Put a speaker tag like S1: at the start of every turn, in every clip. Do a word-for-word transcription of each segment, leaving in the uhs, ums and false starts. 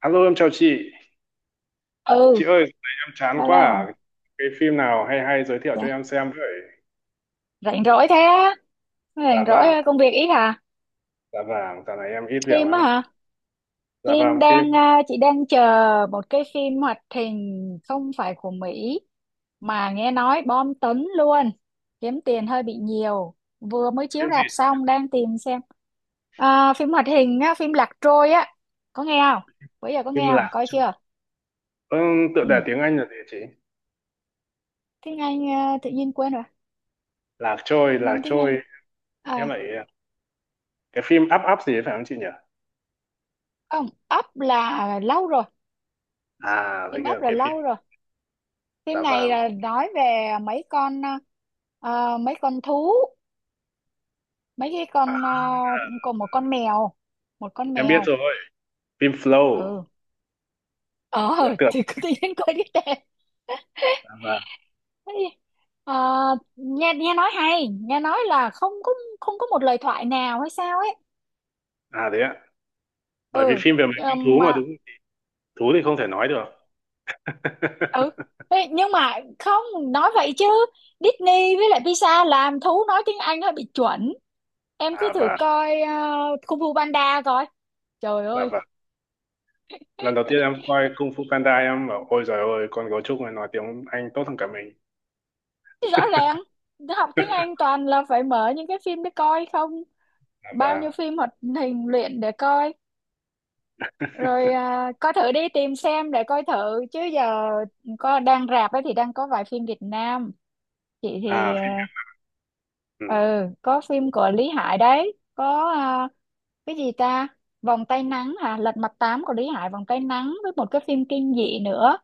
S1: Alo, em chào chị.
S2: Ừ,
S1: Chị ơi, em chán quá
S2: alo,
S1: à. Cái phim nào hay hay giới thiệu cho
S2: dạ.
S1: em xem với.
S2: Rảnh rỗi thế á?
S1: Dạ
S2: Rảnh rỗi,
S1: vàng,
S2: ờ, công việc ít hả?
S1: dạ vàng, dạo này em ít việc
S2: Phim
S1: lắm
S2: á
S1: ạ.
S2: hả?
S1: Dạ
S2: Phim
S1: vàng phim,
S2: đang ờ, chị đang chờ một cái phim hoạt hình không phải của Mỹ mà nghe nói bom tấn luôn, kiếm tiền hơi bị nhiều, vừa mới chiếu
S1: phim
S2: rạp
S1: gì?
S2: xong, đang tìm xem. Ờ, phim hoạt hình á, phim Lạc Trôi á, có nghe không? Bây giờ có
S1: Phim
S2: nghe không,
S1: Lạc
S2: coi
S1: Trôi.
S2: chưa?
S1: Ừ, tựa
S2: Ừ,
S1: đề tiếng Anh là gì chị?
S2: tiếng Anh ờ, tự nhiên quên rồi.
S1: Lạc trôi,
S2: Tự
S1: lạc
S2: nhiên tiếng Anh
S1: trôi. Em
S2: à,
S1: lại cái phim Up Up gì ấy, phải không chị nhỉ?
S2: không, Up là lâu rồi,
S1: À, thấy
S2: phim
S1: cái
S2: Up là
S1: cái phim.
S2: lâu rồi.
S1: Dạ
S2: Phim này
S1: vàng.
S2: là nói về mấy con, ờ, mấy con thú, mấy cái con, uh, còn một con mèo, một con
S1: Em biết
S2: mèo.
S1: rồi. Phim Flow,
S2: Ừ, ờ,
S1: tựa tựa.
S2: thì cứ tự nhiên quên cái tên.
S1: Dạ vàng.
S2: Thế thì, ờ, nghe nghe nói hay, nghe nói là không có, không có một lời thoại nào hay sao ấy.
S1: À đấy ạ. Bởi vì
S2: Ừ,
S1: phim về mấy
S2: ờ,
S1: con thú mà
S2: mà
S1: đúng. Thú thì không thể nói được.
S2: ừ. Ê, nhưng mà không nói vậy chứ, Disney với lại Pixar làm thú nói tiếng Anh hơi bị chuẩn. Em cứ
S1: À
S2: thử
S1: và
S2: coi ờ, Kung Fu Panda coi, trời
S1: dạ
S2: ơi.
S1: vàng, lần đầu tiên em coi Kung Fu Panda em bảo ôi giời ơi con gấu trúc này nói tiếng Anh tốt hơn cả mình.
S2: Rõ ràng học tiếng Anh toàn là phải mở những cái phim để coi không, bao nhiêu
S1: Và
S2: phim hoạt hình luyện để coi. Rồi à, coi thử đi, tìm xem để coi thử. Chứ giờ có đang rạp ấy thì đang có vài phim Việt Nam, chị thì
S1: à phim. Ừ.
S2: ờ, ừ, có phim của Lý Hải đấy, có à, cái gì ta, Vòng tay nắng hả, Lật mặt tám của Lý Hải, Vòng tay nắng với một cái phim kinh dị nữa,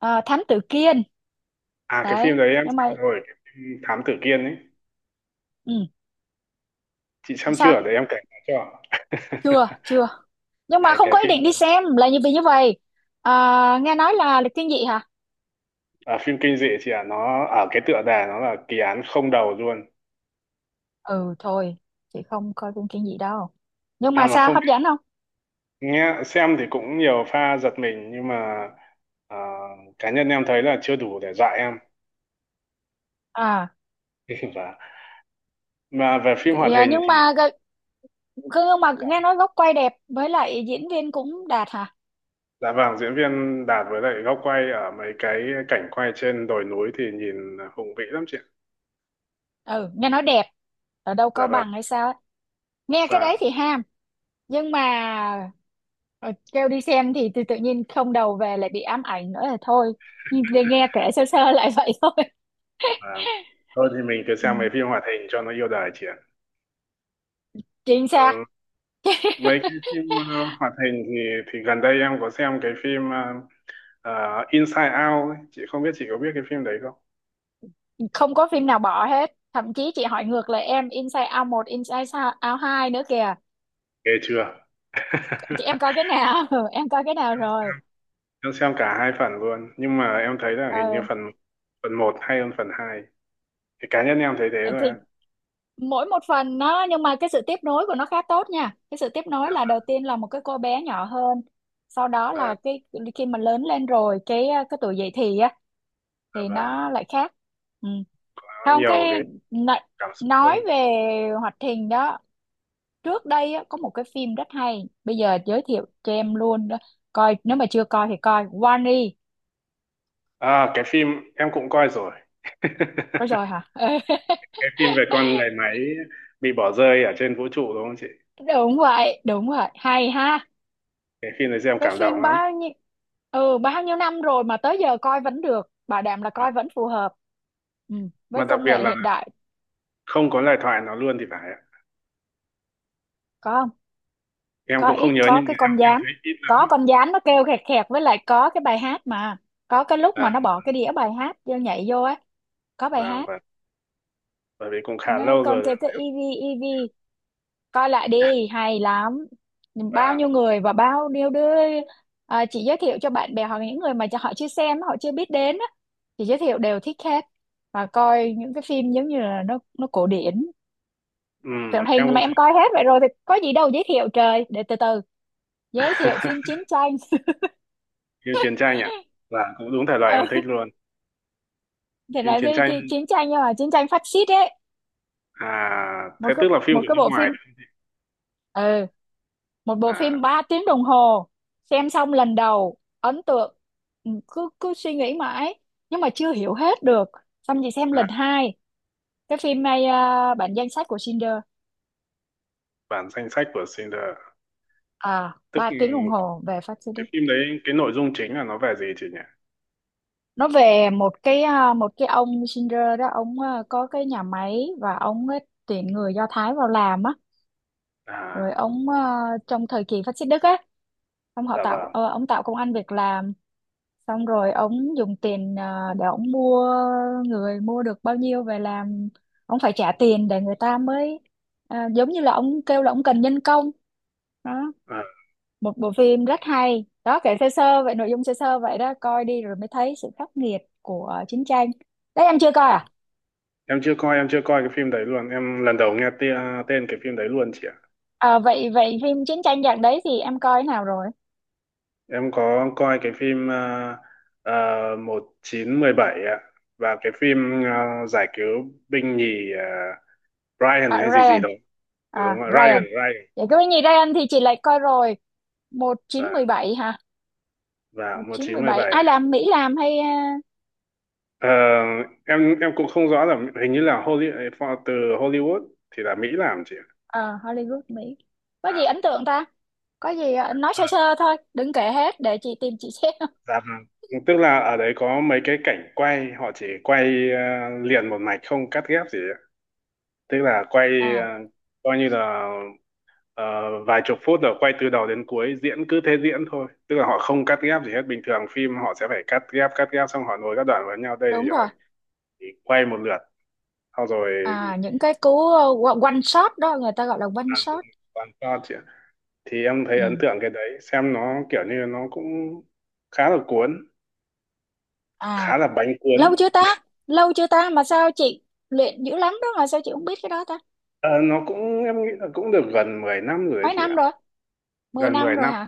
S2: à, Thám tử Kiên.
S1: À cái phim
S2: Đấy,
S1: đấy em
S2: nhưng
S1: xem
S2: mà
S1: rồi, cái phim Thám Tử Kiên ấy.
S2: ừ,
S1: Chị xem
S2: sao?
S1: chưa để em kể cho?
S2: Chưa chưa, nhưng mà
S1: Cái
S2: không
S1: cái
S2: có ý
S1: phim
S2: định đi
S1: đấy,
S2: xem là như vì như vậy. À, nghe nói là lịch thiên dị hả?
S1: à, phim kinh dị chị ạ, nó ở cái tựa đề nó là kỳ án không đầu luôn.
S2: Ừ thôi, chị không coi phim kinh dị đâu, nhưng
S1: À
S2: mà
S1: mà
S2: sao,
S1: không
S2: hấp
S1: biết,
S2: dẫn không?
S1: nghe xem thì cũng nhiều pha giật mình nhưng mà à, cá nhân em thấy là chưa đủ để dọa em.
S2: À,
S1: Và mà về phim
S2: thì,
S1: hoạt
S2: à
S1: hình
S2: nhưng
S1: thì.
S2: mà gợ- nhưng mà nghe nói góc quay đẹp với lại diễn viên cũng đạt hả?
S1: Dạ vâng, diễn viên Đạt với lại góc quay ở mấy cái cảnh quay trên đồi núi thì nhìn hùng vĩ lắm chị ạ.
S2: Ừ, nghe nói đẹp, ở đâu
S1: Dạ
S2: Cao
S1: vâng,
S2: Bằng hay sao ấy. Nghe cái đấy
S1: và
S2: thì ham, nhưng mà ờ, kêu đi xem thì, tự tự nhiên không đầu, về lại bị ám ảnh nữa là thôi, nhưng nghe kể sơ sơ lại vậy thôi.
S1: và thôi thì mình cứ sang mấy
S2: Ừ.
S1: phim hoạt hình cho nó yêu đời chị ạ.
S2: Chính
S1: Ờ,
S2: xác.
S1: Mấy cái phim ờ, hoạt hình thì thì gần đây em có xem cái phim ờ, ờ, Inside Out ấy. Chị không biết, chị có biết cái phim đấy không?
S2: Không có phim nào bỏ hết, thậm chí chị hỏi ngược lại em, Inside Out một, Inside Out hai nữa kìa.
S1: Ghê chưa?
S2: Chị em coi cái nào? Ừ, em coi cái nào rồi?
S1: Em xem cả hai phần luôn, nhưng mà em thấy là hình như
S2: Ờ,
S1: phần phần một hay hơn phần hai. Thì cá nhân em thấy thế thôi
S2: thì
S1: ạ.
S2: mỗi một phần nó, nhưng mà cái sự tiếp nối của nó khá tốt nha. Cái sự tiếp nối
S1: Dạ
S2: là đầu tiên là một cái cô bé nhỏ hơn, sau đó
S1: vâng,
S2: là cái khi mà lớn lên rồi, cái cái tuổi dậy thì á
S1: dạ
S2: thì
S1: vâng.
S2: nó lại khác. Ừ.
S1: Có
S2: Không,
S1: nhiều cái
S2: cái nói
S1: cảm xúc hơn.
S2: nói về hoạt hình đó, trước đây á, có một cái phim rất hay, bây giờ giới thiệu cho em luôn đó. Coi, nếu mà chưa coi thì coi Wall-E.
S1: À cái phim em cũng coi rồi.
S2: Có rồi hả?
S1: Cái phim về con người máy bị bỏ rơi ở trên vũ trụ, đúng không chị?
S2: Đúng vậy, đúng vậy, hay ha.
S1: Cái phim này xem
S2: Cái
S1: cảm động
S2: phim
S1: lắm.
S2: bao nhiêu, ừ, bao nhiêu năm rồi mà tới giờ coi vẫn được, bảo đảm là
S1: mà,
S2: coi vẫn phù hợp. Ừ, với
S1: mà đặc
S2: công
S1: biệt
S2: nghệ hiện
S1: là
S2: đại.
S1: không có lời thoại nó luôn thì phải ạ.
S2: Có không?
S1: Em
S2: Có
S1: cũng không
S2: ít,
S1: nhớ,
S2: có
S1: nhưng
S2: cái
S1: mà em,
S2: con
S1: em
S2: gián,
S1: thấy ít
S2: có
S1: lắm.
S2: con gián nó kêu khẹt khẹt, với lại có cái bài hát mà, có cái lúc
S1: À,
S2: mà nó bỏ cái đĩa bài hát vô, nhảy vô á, có bài
S1: và
S2: hát.
S1: và bởi vì cũng khá
S2: Nó
S1: lâu
S2: con
S1: rồi.
S2: kêu cái e vê e vê, coi lại đi, hay lắm. Bao nhiêu
S1: Và
S2: người và bao nhiêu đứa, à, chị giới thiệu cho bạn bè hoặc những người mà cho họ chưa xem, họ chưa biết đến á, chị giới thiệu đều thích hết. Và coi những cái phim giống như là nó nó cổ điển. Phim
S1: ừm,
S2: thì
S1: em
S2: mà
S1: cũng thích.
S2: em coi hết vậy rồi thì có gì đâu giới thiệu. Trời, để từ từ, giới thiệu phim chiến tranh.
S1: Phim chiến tranh ạ, là cũng đúng thể loại
S2: Ừ,
S1: em thích luôn.
S2: thì
S1: Phim
S2: là gì,
S1: chiến tranh,
S2: chi- chiến tranh, nhưng mà chiến tranh phát xít ấy.
S1: à
S2: Một
S1: thế
S2: cái,
S1: tức là phim
S2: một
S1: của
S2: cái
S1: nước
S2: bộ
S1: ngoài.
S2: phim, ừ, một bộ phim
S1: À,
S2: ba tiếng đồng hồ, xem xong lần đầu ấn tượng. Ừ, cứ cứ suy nghĩ mãi, nhưng mà chưa hiểu hết được, xong chị xem
S1: à
S2: lần hai. Cái phim này à, bản danh sách của Schindler,
S1: bản danh sách của Schindler.
S2: à,
S1: Tức
S2: ba tiếng đồng hồ về phát xít đi.
S1: cái phim đấy, cái nội dung chính là nó về gì chị nhỉ?
S2: Nó về một cái à, một cái ông Schindler đó, ông à, có cái nhà máy và ông ấy tuyển người Do Thái vào làm á.
S1: À,
S2: Rồi ông à, trong thời kỳ phát xít Đức á, ông họ
S1: dạ
S2: tạo
S1: vâng.
S2: ờ, ông tạo công ăn việc làm. Xong rồi ông dùng tiền ờ, để ông mua người, mua được bao nhiêu về làm, ông phải trả tiền để người ta mới à, giống như là ông kêu là ông cần nhân công đó.
S1: À,
S2: Một bộ phim rất hay đó, kể sơ sơ vậy, nội dung sơ sơ vậy đó, coi đi rồi mới thấy sự khắc nghiệt của chiến tranh. Đấy, em chưa coi à?
S1: em chưa coi, em chưa coi cái phim đấy luôn, em lần đầu nghe tia, tên cái phim đấy luôn chị ạ.
S2: À vậy vậy phim chiến tranh dạng đấy thì em coi nào rồi?
S1: Em có coi cái phim à, à, một chín uh, bảy ạ. Và cái phim ờ, giải cứu binh nhì ờ, Ryan
S2: À,
S1: hay gì gì
S2: Ryan
S1: đó. Đúng
S2: à,
S1: rồi,
S2: Ryan,
S1: Ryan, Ryan.
S2: vậy cái gì Ryan thì chị lại coi rồi. Một chín
S1: và
S2: một bảy hả?
S1: và
S2: Một chín một bảy
S1: một chín một bảy.
S2: ai làm, Mỹ làm hay?
S1: Ờ, em em cũng không rõ là hình như là Hollywood, từ Hollywood thì là Mỹ làm chị ạ.
S2: Ờ Hollywood Mỹ. Có gì ấn tượng ta? Có gì ờ, nói
S1: Dạ.
S2: sơ sơ thôi, đừng kể hết để chị tìm chị xem.
S1: Dạ vâng. Tức là ở đấy có mấy cái cảnh quay, họ chỉ quay ờ, liền một mạch không cắt ghép gì ạ. Tức là quay
S2: À
S1: ờ, coi như là ờ, vài chục phút rồi quay từ đầu đến cuối, diễn cứ thế diễn thôi. Tức là họ không cắt ghép gì hết. Bình thường phim họ sẽ phải cắt ghép, cắt ghép xong họ nối các đoạn vào nhau. Đây
S2: đúng
S1: thì họ
S2: rồi.
S1: chỉ quay một lượt, xong rồi
S2: À những cái cú ờ, one shot đó, người ta gọi là one
S1: làm đúng
S2: shot.
S1: toàn shot chị ạ. Thì em thấy
S2: Ừ.
S1: ấn tượng cái đấy, xem nó kiểu như nó cũng khá là cuốn,
S2: À
S1: khá là bánh cuốn.
S2: lâu chưa ta, lâu chưa ta mà sao chị luyện dữ lắm đó mà sao chị không biết cái đó ta?
S1: Ờ, nó cũng em nghĩ là cũng được gần mười năm rồi đấy
S2: Mấy
S1: chị
S2: năm
S1: ạ.
S2: rồi, mười
S1: Gần
S2: năm
S1: mười
S2: rồi
S1: năm.
S2: hả?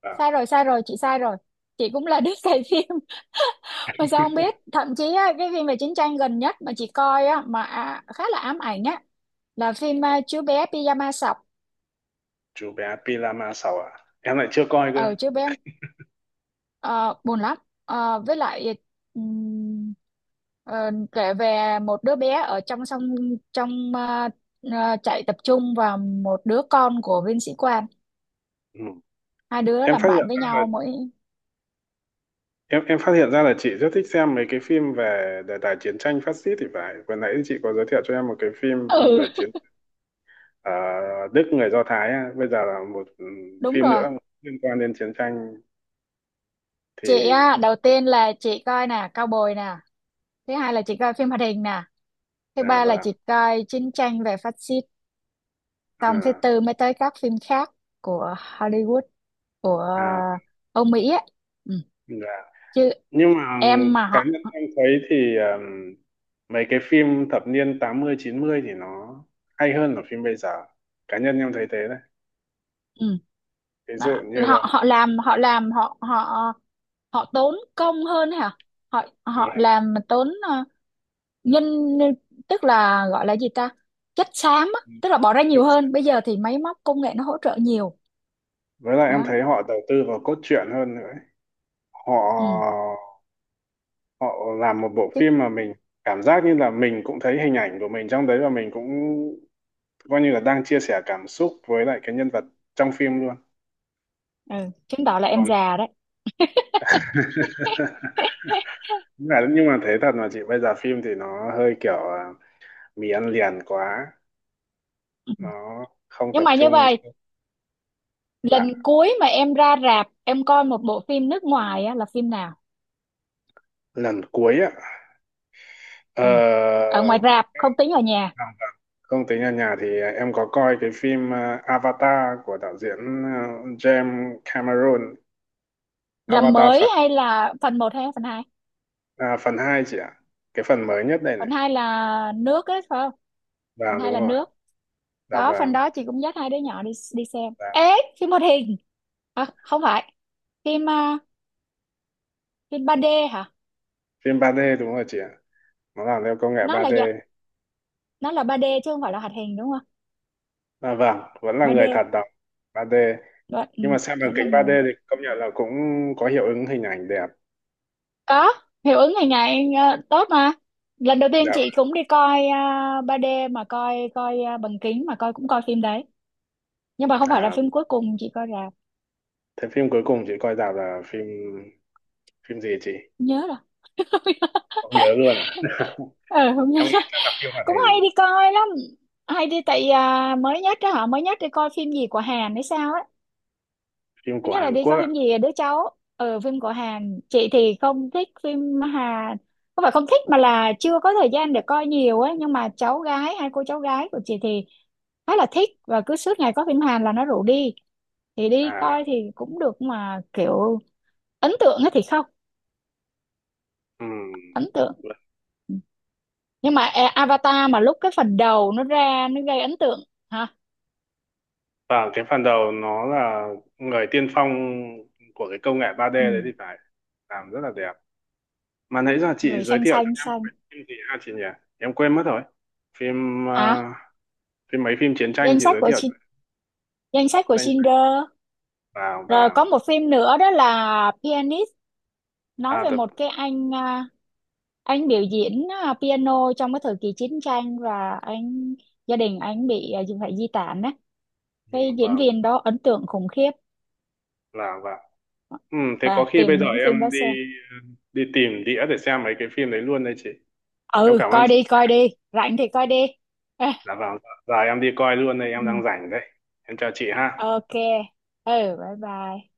S1: À,
S2: Sai rồi, sai rồi, chị sai rồi, chị cũng là đứa cày phim mà sao không biết? Thậm chí á, cái phim về chiến tranh gần nhất mà chị coi á, mà à, khá là ám ảnh á, là phim à, chú bé pyjama sọc.
S1: chú bé Pilama sáu à? Em lại chưa coi cơ.
S2: Ờ chú bé, ờ, buồn lắm. Ờ, với lại ừm, ờ, kể về một đứa bé ở trong sông, trong à, à, trại tập trung và một đứa con của viên sĩ quan,
S1: Ừ.
S2: hai đứa
S1: Em
S2: làm
S1: phát
S2: bạn
S1: hiện
S2: với
S1: ra là
S2: nhau mỗi.
S1: em em phát hiện ra là chị rất thích xem mấy cái phim về đề tài chiến tranh phát xít thì phải. Vừa nãy chị có giới thiệu cho em một cái phim về
S2: Ừ,
S1: chiến, ờ, Đức người Do Thái á. Bây giờ là một ừ,
S2: đúng
S1: phim
S2: rồi.
S1: nữa liên quan đến chiến tranh
S2: Chị
S1: thì.
S2: á, đầu tiên là chị coi nè Cao Bồi nè, thứ hai là chị coi phim hoạt hình nè, thứ
S1: À
S2: ba là
S1: vâng.
S2: chị coi chiến tranh về phát xít, xong thứ
S1: À,
S2: tư mới tới các phim khác của Hollywood, của
S1: à,
S2: ờ, Âu Mỹ ấy. Ừ.
S1: dạ.
S2: Chứ
S1: Nhưng mà
S2: em mà
S1: cá
S2: họ,
S1: nhân em thấy thì um, mấy cái phim thập niên tám mươi chín mươi thì nó hay hơn là phim bây giờ. Cá nhân em thấy thế đấy.
S2: ừ.
S1: Ví
S2: Đó,
S1: dụ như là
S2: họ họ làm họ làm họ họ họ tốn công hơn hả? Họ họ
S1: là-
S2: làm mà tốn ờ, nhân, tức là gọi là gì ta, chất xám á, tức là bỏ ra nhiều hơn. Bây giờ thì máy móc công nghệ nó hỗ trợ nhiều.
S1: với lại em
S2: Đó.
S1: thấy họ đầu tư vào cốt truyện hơn nữa ấy. Họ
S2: Ừ.
S1: họ làm một bộ
S2: Chứ.
S1: phim mà mình cảm giác như là mình cũng thấy hình ảnh của mình trong đấy, và mình cũng coi như là đang chia sẻ cảm xúc với lại cái nhân vật trong phim luôn.
S2: Ừ. Chứng tỏ là em
S1: Còn
S2: già đấy.
S1: đúng là- nhưng mà thế thật mà chị, bây giờ phim thì nó hơi kiểu à, mì ăn liền quá, nó không
S2: Nhưng
S1: tập
S2: mà như
S1: trung.
S2: vậy, lần
S1: Dạ,
S2: cuối mà em ra rạp em coi một bộ phim nước ngoài á, là phim nào?
S1: lần cuối á ờ,
S2: Ừ. Ở ngoài rạp, không tính ở nhà.
S1: không tính ở nhà thì em có coi cái phim ờ, Avatar của đạo diễn ờ, James Cameron.
S2: Là
S1: Avatar
S2: mới
S1: phần
S2: hay là phần một hay phần hai?
S1: à, phần hai chị ạ, cái phần mới nhất đây này.
S2: Phần hai là nước ấy phải không? Phần
S1: Vàng
S2: hai
S1: đúng
S2: là
S1: rồi.
S2: nước,
S1: Dạ
S2: có phần
S1: vàng.
S2: đó chị cũng dắt hai đứa nhỏ đi đi xem
S1: Dạ.
S2: ế. Phim hoạt hình à, không phải, phim à, phim ba đê hả?
S1: Phim ba D đúng rồi chị ạ, nó làm theo công nghệ
S2: Nó là
S1: ba D.
S2: dạng, nó là ba đê chứ không phải là hoạt hình đúng không?
S1: À, vâng vẫn là người
S2: ba đê
S1: thật đóng. ba D.
S2: vẫn, ừ,
S1: Nhưng mà xem bằng
S2: vẫn là
S1: kính ba D
S2: người,
S1: thì công nhận là cũng có hiệu ứng hình ảnh đẹp.
S2: có hiệu ứng ngày ngày ờ, tốt mà. Lần đầu tiên
S1: Dạ
S2: chị
S1: vâng.
S2: cũng đi coi à, ba đê mà coi, coi à, bằng kính mà coi, cũng coi phim đấy, nhưng mà không phải là
S1: À.
S2: phim cuối cùng chị coi rạp.
S1: Thế phim cuối cùng chị coi rạp là phim phim gì chị?
S2: Không nhớ rồi.
S1: Không nhớ luôn à?
S2: Ờ không nhớ.
S1: Em nghĩ chắc là phim hoạt
S2: Cũng hay
S1: hình,
S2: đi coi lắm, hay đi. Tại à, mới nhất đó, họ mới nhất đi coi phim gì của Hàn hay sao.
S1: phim
S2: Thứ
S1: của
S2: nhất là
S1: Hàn
S2: đi
S1: Quốc
S2: coi
S1: ạ.
S2: phim gì à? Đứa cháu ờ, phim của Hàn, chị thì không thích phim Hàn, không phải không thích mà là chưa có thời gian để coi nhiều ấy. Nhưng mà cháu gái, hai cô cháu gái của chị thì khá là thích và cứ suốt ngày có phim Hàn là nó rủ đi, thì đi
S1: À,
S2: coi thì cũng được, mà kiểu ấn tượng ấy thì không
S1: ừm.
S2: ấn tượng. Ừ. Nhưng mà e- Avatar mà lúc cái phần đầu nó ra nó gây ấn tượng hả.
S1: Và cái phần đầu nó là người tiên phong của cái công nghệ ba D đấy thì
S2: Ừ.
S1: phải, làm rất là đẹp. Mà nãy giờ chị
S2: Người
S1: giới
S2: xanh
S1: thiệu cho
S2: xanh
S1: em
S2: xanh.
S1: cái phim gì ha chị nhỉ? Em quên mất rồi. Phim
S2: Hả?
S1: à, phim mấy phim chiến tranh
S2: Danh
S1: chị
S2: sách
S1: giới
S2: của
S1: thiệu cho.
S2: Shin- danh sách của Schindler.
S1: Vào
S2: Rồi
S1: và
S2: có một phim nữa đó là Pianist, nói
S1: à,
S2: về
S1: tập
S2: một cái anh à, anh biểu diễn à, piano trong cái thời kỳ chiến tranh, và anh, gia đình anh bị à, phải di tản á.
S1: ừ,
S2: Cái diễn
S1: vào
S2: viên đó ấn tượng khủng khiếp.
S1: và và. Ừ, thế có
S2: À,
S1: khi bây
S2: tìm
S1: giờ
S2: những phim đó
S1: em đi
S2: xem.
S1: đi tìm đĩa để xem mấy cái phim đấy luôn đây chị. Em
S2: Ừ,
S1: cảm ơn
S2: coi
S1: chị.
S2: đi, coi đi. Rảnh thì coi đi.
S1: Dạ vâng. Giờ em đi coi luôn đây, em
S2: Ừ,
S1: đang rảnh đấy. Em chào chị ha.
S2: ok. Ừ, bye bye.